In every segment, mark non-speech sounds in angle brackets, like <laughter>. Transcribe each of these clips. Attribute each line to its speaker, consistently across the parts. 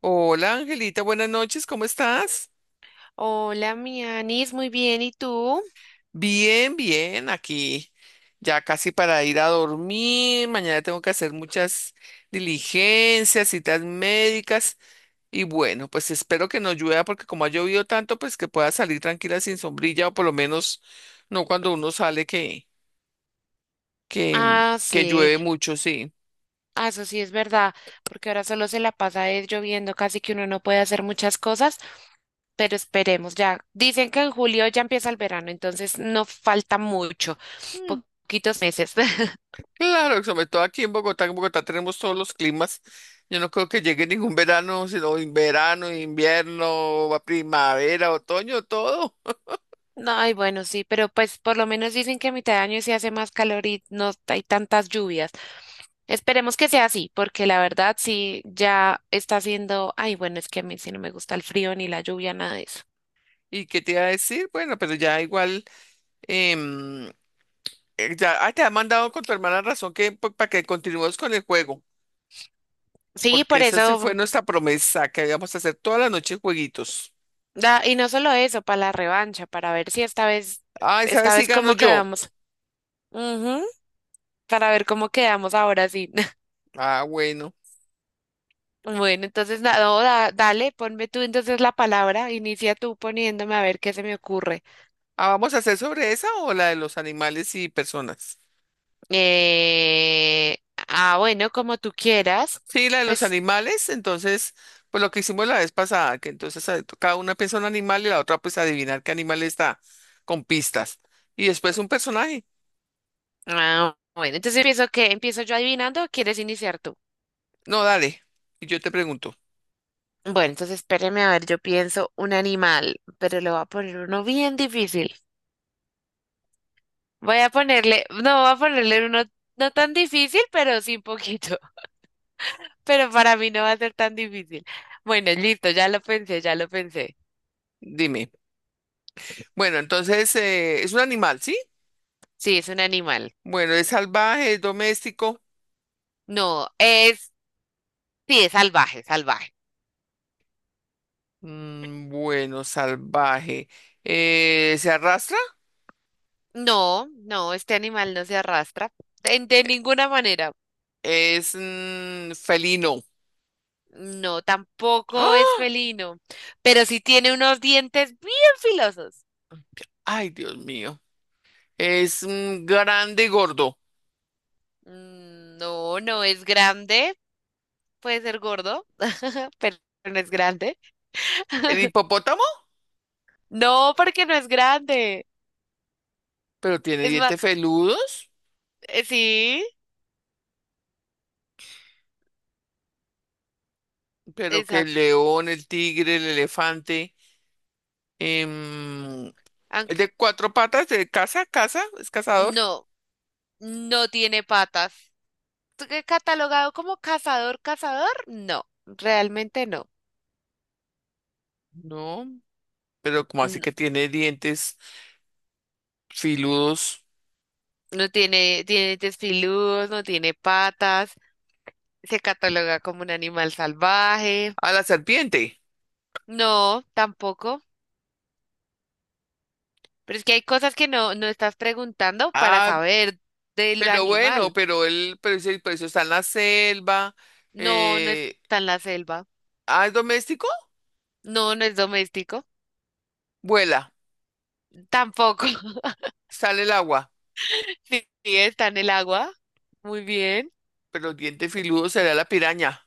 Speaker 1: Hola Angelita, buenas noches, ¿cómo estás?
Speaker 2: Hola, mi Anis, muy bien, ¿y tú?
Speaker 1: Bien, bien, aquí ya casi para ir a dormir. Mañana tengo que hacer muchas diligencias, citas médicas y bueno, pues espero que no llueva porque como ha llovido tanto, pues que pueda salir tranquila sin sombrilla o por lo menos no cuando uno sale que que
Speaker 2: Ah,
Speaker 1: que
Speaker 2: sí,
Speaker 1: llueve mucho, sí.
Speaker 2: ah, eso sí es verdad, porque ahora solo se la pasa es lloviendo, casi que uno no puede hacer muchas cosas, pero esperemos ya. Dicen que en julio ya empieza el verano, entonces no falta mucho, poquitos meses. <laughs>
Speaker 1: Claro, sobre todo aquí en Bogotá tenemos todos los climas. Yo no creo que llegue ningún verano, sino verano, invierno, va primavera, otoño, todo.
Speaker 2: No, ay, bueno, sí, pero pues por lo menos dicen que a mitad de año sí hace más calor y no hay tantas lluvias. Esperemos que sea así, porque la verdad sí ya está haciendo, ay, bueno, es que a mí sí no me gusta el frío ni la lluvia, nada de eso.
Speaker 1: ¿Y qué te iba a decir? Bueno, pero ya igual, em, ya te ha mandado con tu hermana razón que para que continuemos con el juego,
Speaker 2: Sí,
Speaker 1: porque
Speaker 2: por
Speaker 1: esa sí fue
Speaker 2: eso,
Speaker 1: nuestra promesa, que íbamos a hacer toda la noche jueguitos.
Speaker 2: y no solo eso, para la revancha, para ver si esta vez,
Speaker 1: Ay,
Speaker 2: esta
Speaker 1: ¿sabes si
Speaker 2: vez
Speaker 1: gano
Speaker 2: cómo
Speaker 1: yo?
Speaker 2: quedamos. Ujú, para ver cómo quedamos ahora sí. <laughs>
Speaker 1: Ah, bueno.
Speaker 2: Bueno, entonces, no, dale, ponme tú entonces la palabra, inicia tú poniéndome a ver qué se me ocurre.
Speaker 1: Ah, ¿vamos a hacer sobre esa o la de los animales y personas?
Speaker 2: Eh, ah, bueno, como tú quieras,
Speaker 1: Sí, la de los
Speaker 2: pues,
Speaker 1: animales, entonces, pues lo que hicimos la vez pasada, que entonces cada una piensa un animal y la otra pues adivinar qué animal está, con pistas. Y después un personaje.
Speaker 2: ah, bueno, entonces empiezo que, empiezo yo adivinando, o ¿quieres iniciar tú?
Speaker 1: No, dale, y yo te pregunto,
Speaker 2: Bueno, entonces espéreme a ver, yo pienso un animal, pero le voy a poner uno bien difícil. Voy a ponerle, no, voy a ponerle uno no tan difícil, pero sí un poquito. <laughs> Pero para mí no va a ser tan difícil. Bueno, listo, ya lo pensé, ya lo pensé.
Speaker 1: dime. Bueno, entonces, es un animal, ¿sí?
Speaker 2: Sí, es un animal.
Speaker 1: Bueno, es salvaje, es doméstico.
Speaker 2: No, es, sí, es salvaje, salvaje.
Speaker 1: Mm, bueno, salvaje. ¿Se arrastra?
Speaker 2: No, no, este animal no se arrastra de ninguna manera.
Speaker 1: Es felino.
Speaker 2: No, tampoco es
Speaker 1: ¡Ah!
Speaker 2: felino, pero sí tiene unos dientes bien filosos.
Speaker 1: Ay, Dios mío. Es grande y gordo.
Speaker 2: Mm, no, no es grande, puede ser gordo, <laughs> pero no es grande.
Speaker 1: ¿El hipopótamo?
Speaker 2: No, porque no es grande.
Speaker 1: Pero tiene
Speaker 2: Es más,
Speaker 1: dientes feludos,
Speaker 2: sí,
Speaker 1: pero que el
Speaker 2: exacto.
Speaker 1: león, el tigre, el elefante, em, es de
Speaker 2: Aunque
Speaker 1: cuatro patas, de caza, caza, es cazador,
Speaker 2: no, no tiene patas. ¿Tú qué catalogado como cazador, cazador? No, realmente no.
Speaker 1: no, pero como así
Speaker 2: No,
Speaker 1: que tiene dientes filudos
Speaker 2: no tiene, tiene dientes filudos, no tiene patas. Se cataloga como un animal salvaje.
Speaker 1: a la serpiente.
Speaker 2: No, tampoco. Pero es que hay cosas que no, no estás preguntando para
Speaker 1: Ah,
Speaker 2: saber del
Speaker 1: pero bueno,
Speaker 2: animal.
Speaker 1: pero él, pero pero eso está en la selva,
Speaker 2: No, no
Speaker 1: eh,
Speaker 2: está en la selva.
Speaker 1: ah, es doméstico,
Speaker 2: No, no es doméstico.
Speaker 1: vuela,
Speaker 2: Tampoco. <laughs>
Speaker 1: sale el agua,
Speaker 2: Sí, está en el agua. Muy bien.
Speaker 1: pero el diente filudo será la piraña.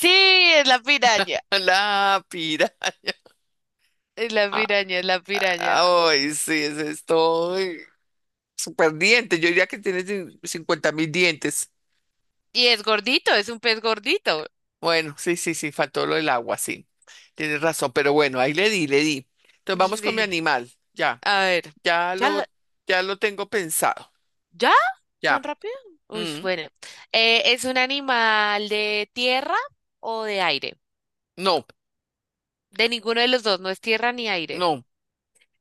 Speaker 2: Sí, es la piraña.
Speaker 1: <laughs> La piraña.
Speaker 2: Es la piraña, es la piraña.
Speaker 1: Ay, sí, ese es todo. Super dientes, yo diría que tiene 50.000 dientes.
Speaker 2: Y es gordito, es un pez gordito.
Speaker 1: Bueno, sí, sí, sí, faltó lo del agua, sí. Tienes razón, pero bueno, ahí le di, le di. Entonces vamos con mi
Speaker 2: Sí.
Speaker 1: animal, ya,
Speaker 2: A ver.
Speaker 1: ya
Speaker 2: ¿Ya?
Speaker 1: lo, ya lo tengo pensado,
Speaker 2: ¿Ya?
Speaker 1: ya.
Speaker 2: ¿Tan rápido? Uy,
Speaker 1: Mm,
Speaker 2: bueno. ¿Es un animal de tierra o de aire?
Speaker 1: no,
Speaker 2: De ninguno de los dos, no es tierra ni aire.
Speaker 1: no,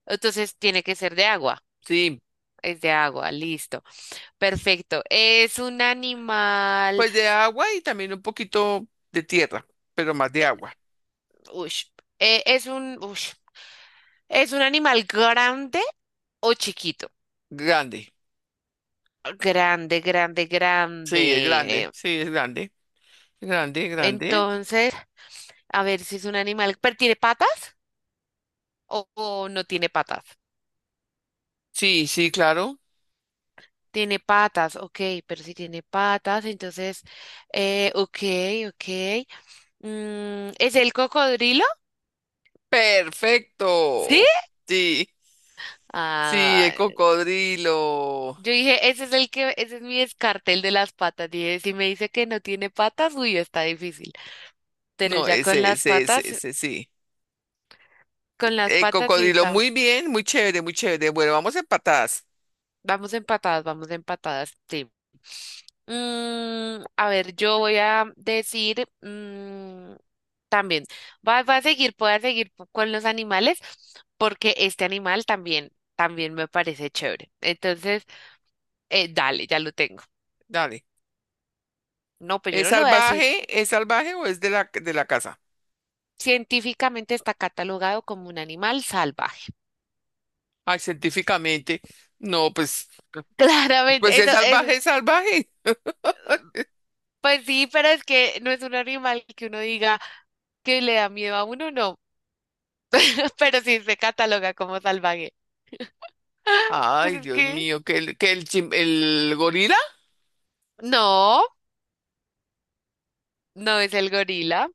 Speaker 2: Entonces tiene que ser de agua.
Speaker 1: sí,
Speaker 2: Es de agua, listo. Perfecto. ¿Es un animal?
Speaker 1: pues de agua y también un poquito de tierra, pero más de agua.
Speaker 2: Ush. Es un, ush. ¿Es un animal grande o chiquito?
Speaker 1: Grande,
Speaker 2: Grande, grande,
Speaker 1: sí, es grande,
Speaker 2: grande.
Speaker 1: sí, es grande, grande, grande.
Speaker 2: Entonces, a ver si es un animal, pero ¿tiene patas o no tiene patas?
Speaker 1: Sí, sí, claro.
Speaker 2: Tiene patas, ok, pero si tiene patas, entonces, ok, ok. Mm, ¿es el cocodrilo? ¿Sí?
Speaker 1: Perfecto. Sí, sí,
Speaker 2: Ah,
Speaker 1: el cocodrilo.
Speaker 2: yo dije, ese es el que, ese es mi descarte, el de las patas. Dije, si me dice que no tiene patas, uy, está difícil. Pero
Speaker 1: No,
Speaker 2: ya
Speaker 1: ese, ese, ese, ese, sí.
Speaker 2: con las patas sí
Speaker 1: Cocodrilo,
Speaker 2: está.
Speaker 1: muy bien, muy chévere, muy chévere. Bueno, vamos empatadas.
Speaker 2: Vamos empatadas, sí. Mm, a ver, yo voy a decir mm, también, va, va a seguir, voy a seguir con los animales porque este animal también, también me parece chévere. Entonces, dale, ya lo tengo.
Speaker 1: Dale.
Speaker 2: No, pues yo
Speaker 1: ¿Es
Speaker 2: no lo voy a decir.
Speaker 1: salvaje? ¿Es salvaje o es de la casa?
Speaker 2: Científicamente está catalogado como un animal salvaje.
Speaker 1: Ay, científicamente. No, pues,
Speaker 2: <laughs> Claramente,
Speaker 1: pues es
Speaker 2: eso es,
Speaker 1: salvaje, es salvaje.
Speaker 2: pues sí, pero es que no es un animal que uno diga, que le da miedo a uno, no, <laughs> pero sí se cataloga como salvaje. <gasps> <laughs> Pues
Speaker 1: Ay,
Speaker 2: es
Speaker 1: Dios
Speaker 2: que
Speaker 1: mío, que el, el gorila.
Speaker 2: no, no es el gorila,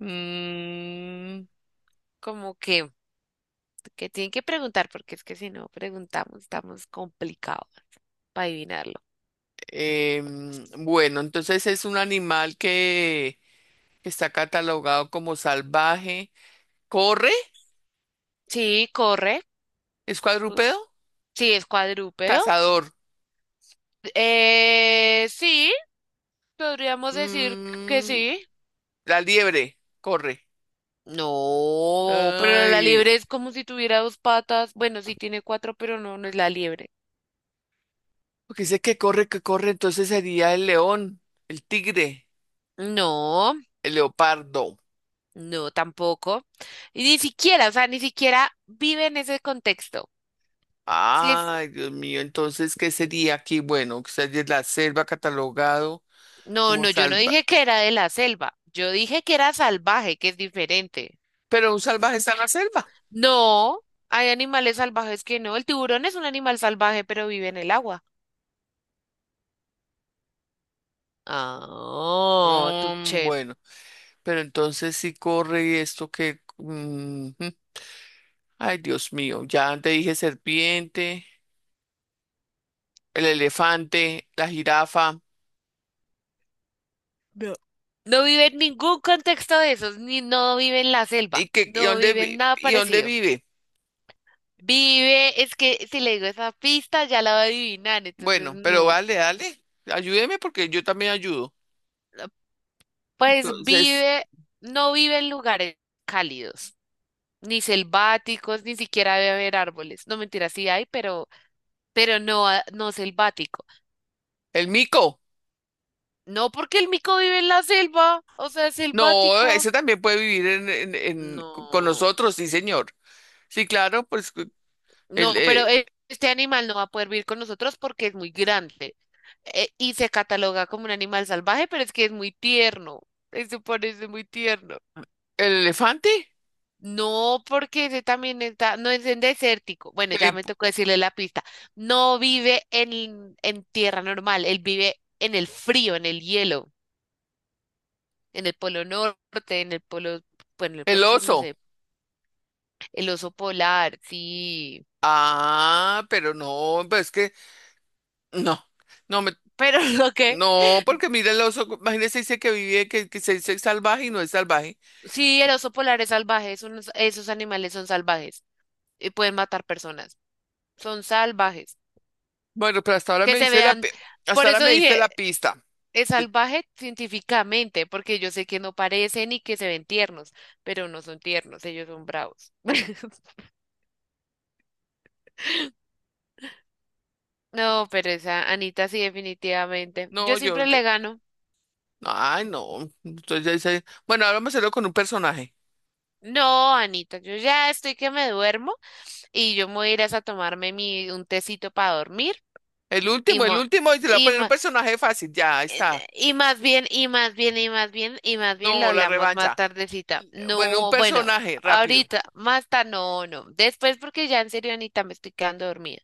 Speaker 1: Mm,
Speaker 2: como que tienen que preguntar, porque es que si no preguntamos estamos complicados para adivinarlo.
Speaker 1: bueno, entonces es un animal que está catalogado como salvaje. ¿Corre?
Speaker 2: Sí, corre,
Speaker 1: ¿Es
Speaker 2: uf,
Speaker 1: cuadrúpedo?
Speaker 2: sí, es cuadrúpedo.
Speaker 1: Cazador.
Speaker 2: Sí, podríamos decir que
Speaker 1: Mm,
Speaker 2: sí.
Speaker 1: la liebre corre.
Speaker 2: No, pero la
Speaker 1: Ay,
Speaker 2: liebre es como si tuviera dos patas. Bueno, sí tiene cuatro, pero no, no es la liebre.
Speaker 1: porque dice que corre, entonces sería el león, el tigre,
Speaker 2: No.
Speaker 1: el leopardo.
Speaker 2: No, tampoco. Y ni siquiera, o sea, ni siquiera vive en ese contexto. Sí, es…
Speaker 1: Ay, Dios mío, entonces, ¿qué sería aquí? Bueno, quizás es la selva catalogado
Speaker 2: No,
Speaker 1: como
Speaker 2: no, yo no
Speaker 1: salva.
Speaker 2: dije que era de la selva. Yo dije que era salvaje, que es diferente.
Speaker 1: Pero un salvaje está en la selva.
Speaker 2: No, hay animales salvajes que no. El tiburón es un animal salvaje, pero vive en el agua. Ah,
Speaker 1: Mm,
Speaker 2: tuché.
Speaker 1: bueno, pero entonces si corre y esto que mm, ay, Dios mío, ya te dije serpiente, el elefante, la jirafa.
Speaker 2: No vive en ningún contexto de esos, ni no vive en la selva.
Speaker 1: ¿Y, qué, y
Speaker 2: No
Speaker 1: dónde,
Speaker 2: vive en nada
Speaker 1: y dónde
Speaker 2: parecido.
Speaker 1: vive?
Speaker 2: Vive, es que si le digo esa pista ya la va a adivinar, entonces
Speaker 1: Bueno, pero
Speaker 2: no.
Speaker 1: vale, dale. Ayúdeme porque yo también ayudo.
Speaker 2: Pues
Speaker 1: Entonces,
Speaker 2: vive, no vive en lugares cálidos, ni selváticos, ni siquiera debe haber árboles. No, mentira, sí hay, pero no, no selvático.
Speaker 1: el mico.
Speaker 2: No, porque el mico vive en la selva, o sea,
Speaker 1: No,
Speaker 2: selvático.
Speaker 1: ese también puede vivir en, con
Speaker 2: No,
Speaker 1: nosotros, sí, señor. Sí, claro,
Speaker 2: no,
Speaker 1: el,
Speaker 2: pero
Speaker 1: eh,
Speaker 2: este animal no va a poder vivir con nosotros porque es muy grande, y se cataloga como un animal salvaje, pero es que es muy tierno. Eso parece muy tierno.
Speaker 1: el elefante,
Speaker 2: No, porque ese también está, no es en desértico. Bueno,
Speaker 1: el,
Speaker 2: ya me
Speaker 1: hip-
Speaker 2: tocó decirle la pista. No vive en tierra normal, él vive en el frío, en el hielo, en el polo norte, en el polo, bueno, en el
Speaker 1: el
Speaker 2: polo sur, no
Speaker 1: oso.
Speaker 2: sé. El oso polar, sí.
Speaker 1: Ah, pero no, pues es que no, no me,
Speaker 2: Pero <laughs> lo que,
Speaker 1: no, porque mira el oso, imagínese, dice que vive, que se dice salvaje y no es salvaje.
Speaker 2: sí, el oso polar es salvaje, es esos animales son salvajes y pueden matar personas. Son salvajes.
Speaker 1: Bueno, pero hasta ahora
Speaker 2: Que
Speaker 1: me
Speaker 2: se
Speaker 1: dice
Speaker 2: vean, por
Speaker 1: hasta ahora
Speaker 2: eso
Speaker 1: me diste
Speaker 2: dije.
Speaker 1: la pista.
Speaker 2: Es
Speaker 1: Te-
Speaker 2: salvaje científicamente, porque yo sé que no parecen y que se ven tiernos, pero no son tiernos, ellos son bravos. <laughs> No, pero esa Anita sí, definitivamente. Yo
Speaker 1: No, yo
Speaker 2: siempre le gano.
Speaker 1: ay, no. Entonces ya dice, bueno, ahora me salió con un personaje.
Speaker 2: No, Anita, yo ya estoy que me duermo y yo me voy a ir a tomarme mi, un tecito para dormir y,
Speaker 1: El último, y se le va a
Speaker 2: y,
Speaker 1: poner un
Speaker 2: mo-
Speaker 1: personaje fácil. Ya, ahí está.
Speaker 2: Y más bien, y más bien, y más bien, y más bien lo
Speaker 1: No, la
Speaker 2: hablamos más
Speaker 1: revancha.
Speaker 2: tardecita.
Speaker 1: Bueno, un
Speaker 2: No, bueno,
Speaker 1: personaje, rápido.
Speaker 2: ahorita, más tarde, no, no. Después porque ya en serio, Anita, me estoy quedando dormida.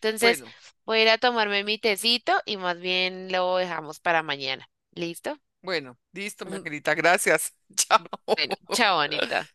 Speaker 2: Entonces,
Speaker 1: Bueno,
Speaker 2: voy a ir a tomarme mi tecito y más bien lo dejamos para mañana. ¿Listo?
Speaker 1: bueno, listo, mi
Speaker 2: <laughs>
Speaker 1: angelita, gracias. <laughs>
Speaker 2: Bueno,
Speaker 1: Chao.
Speaker 2: chao, Anita.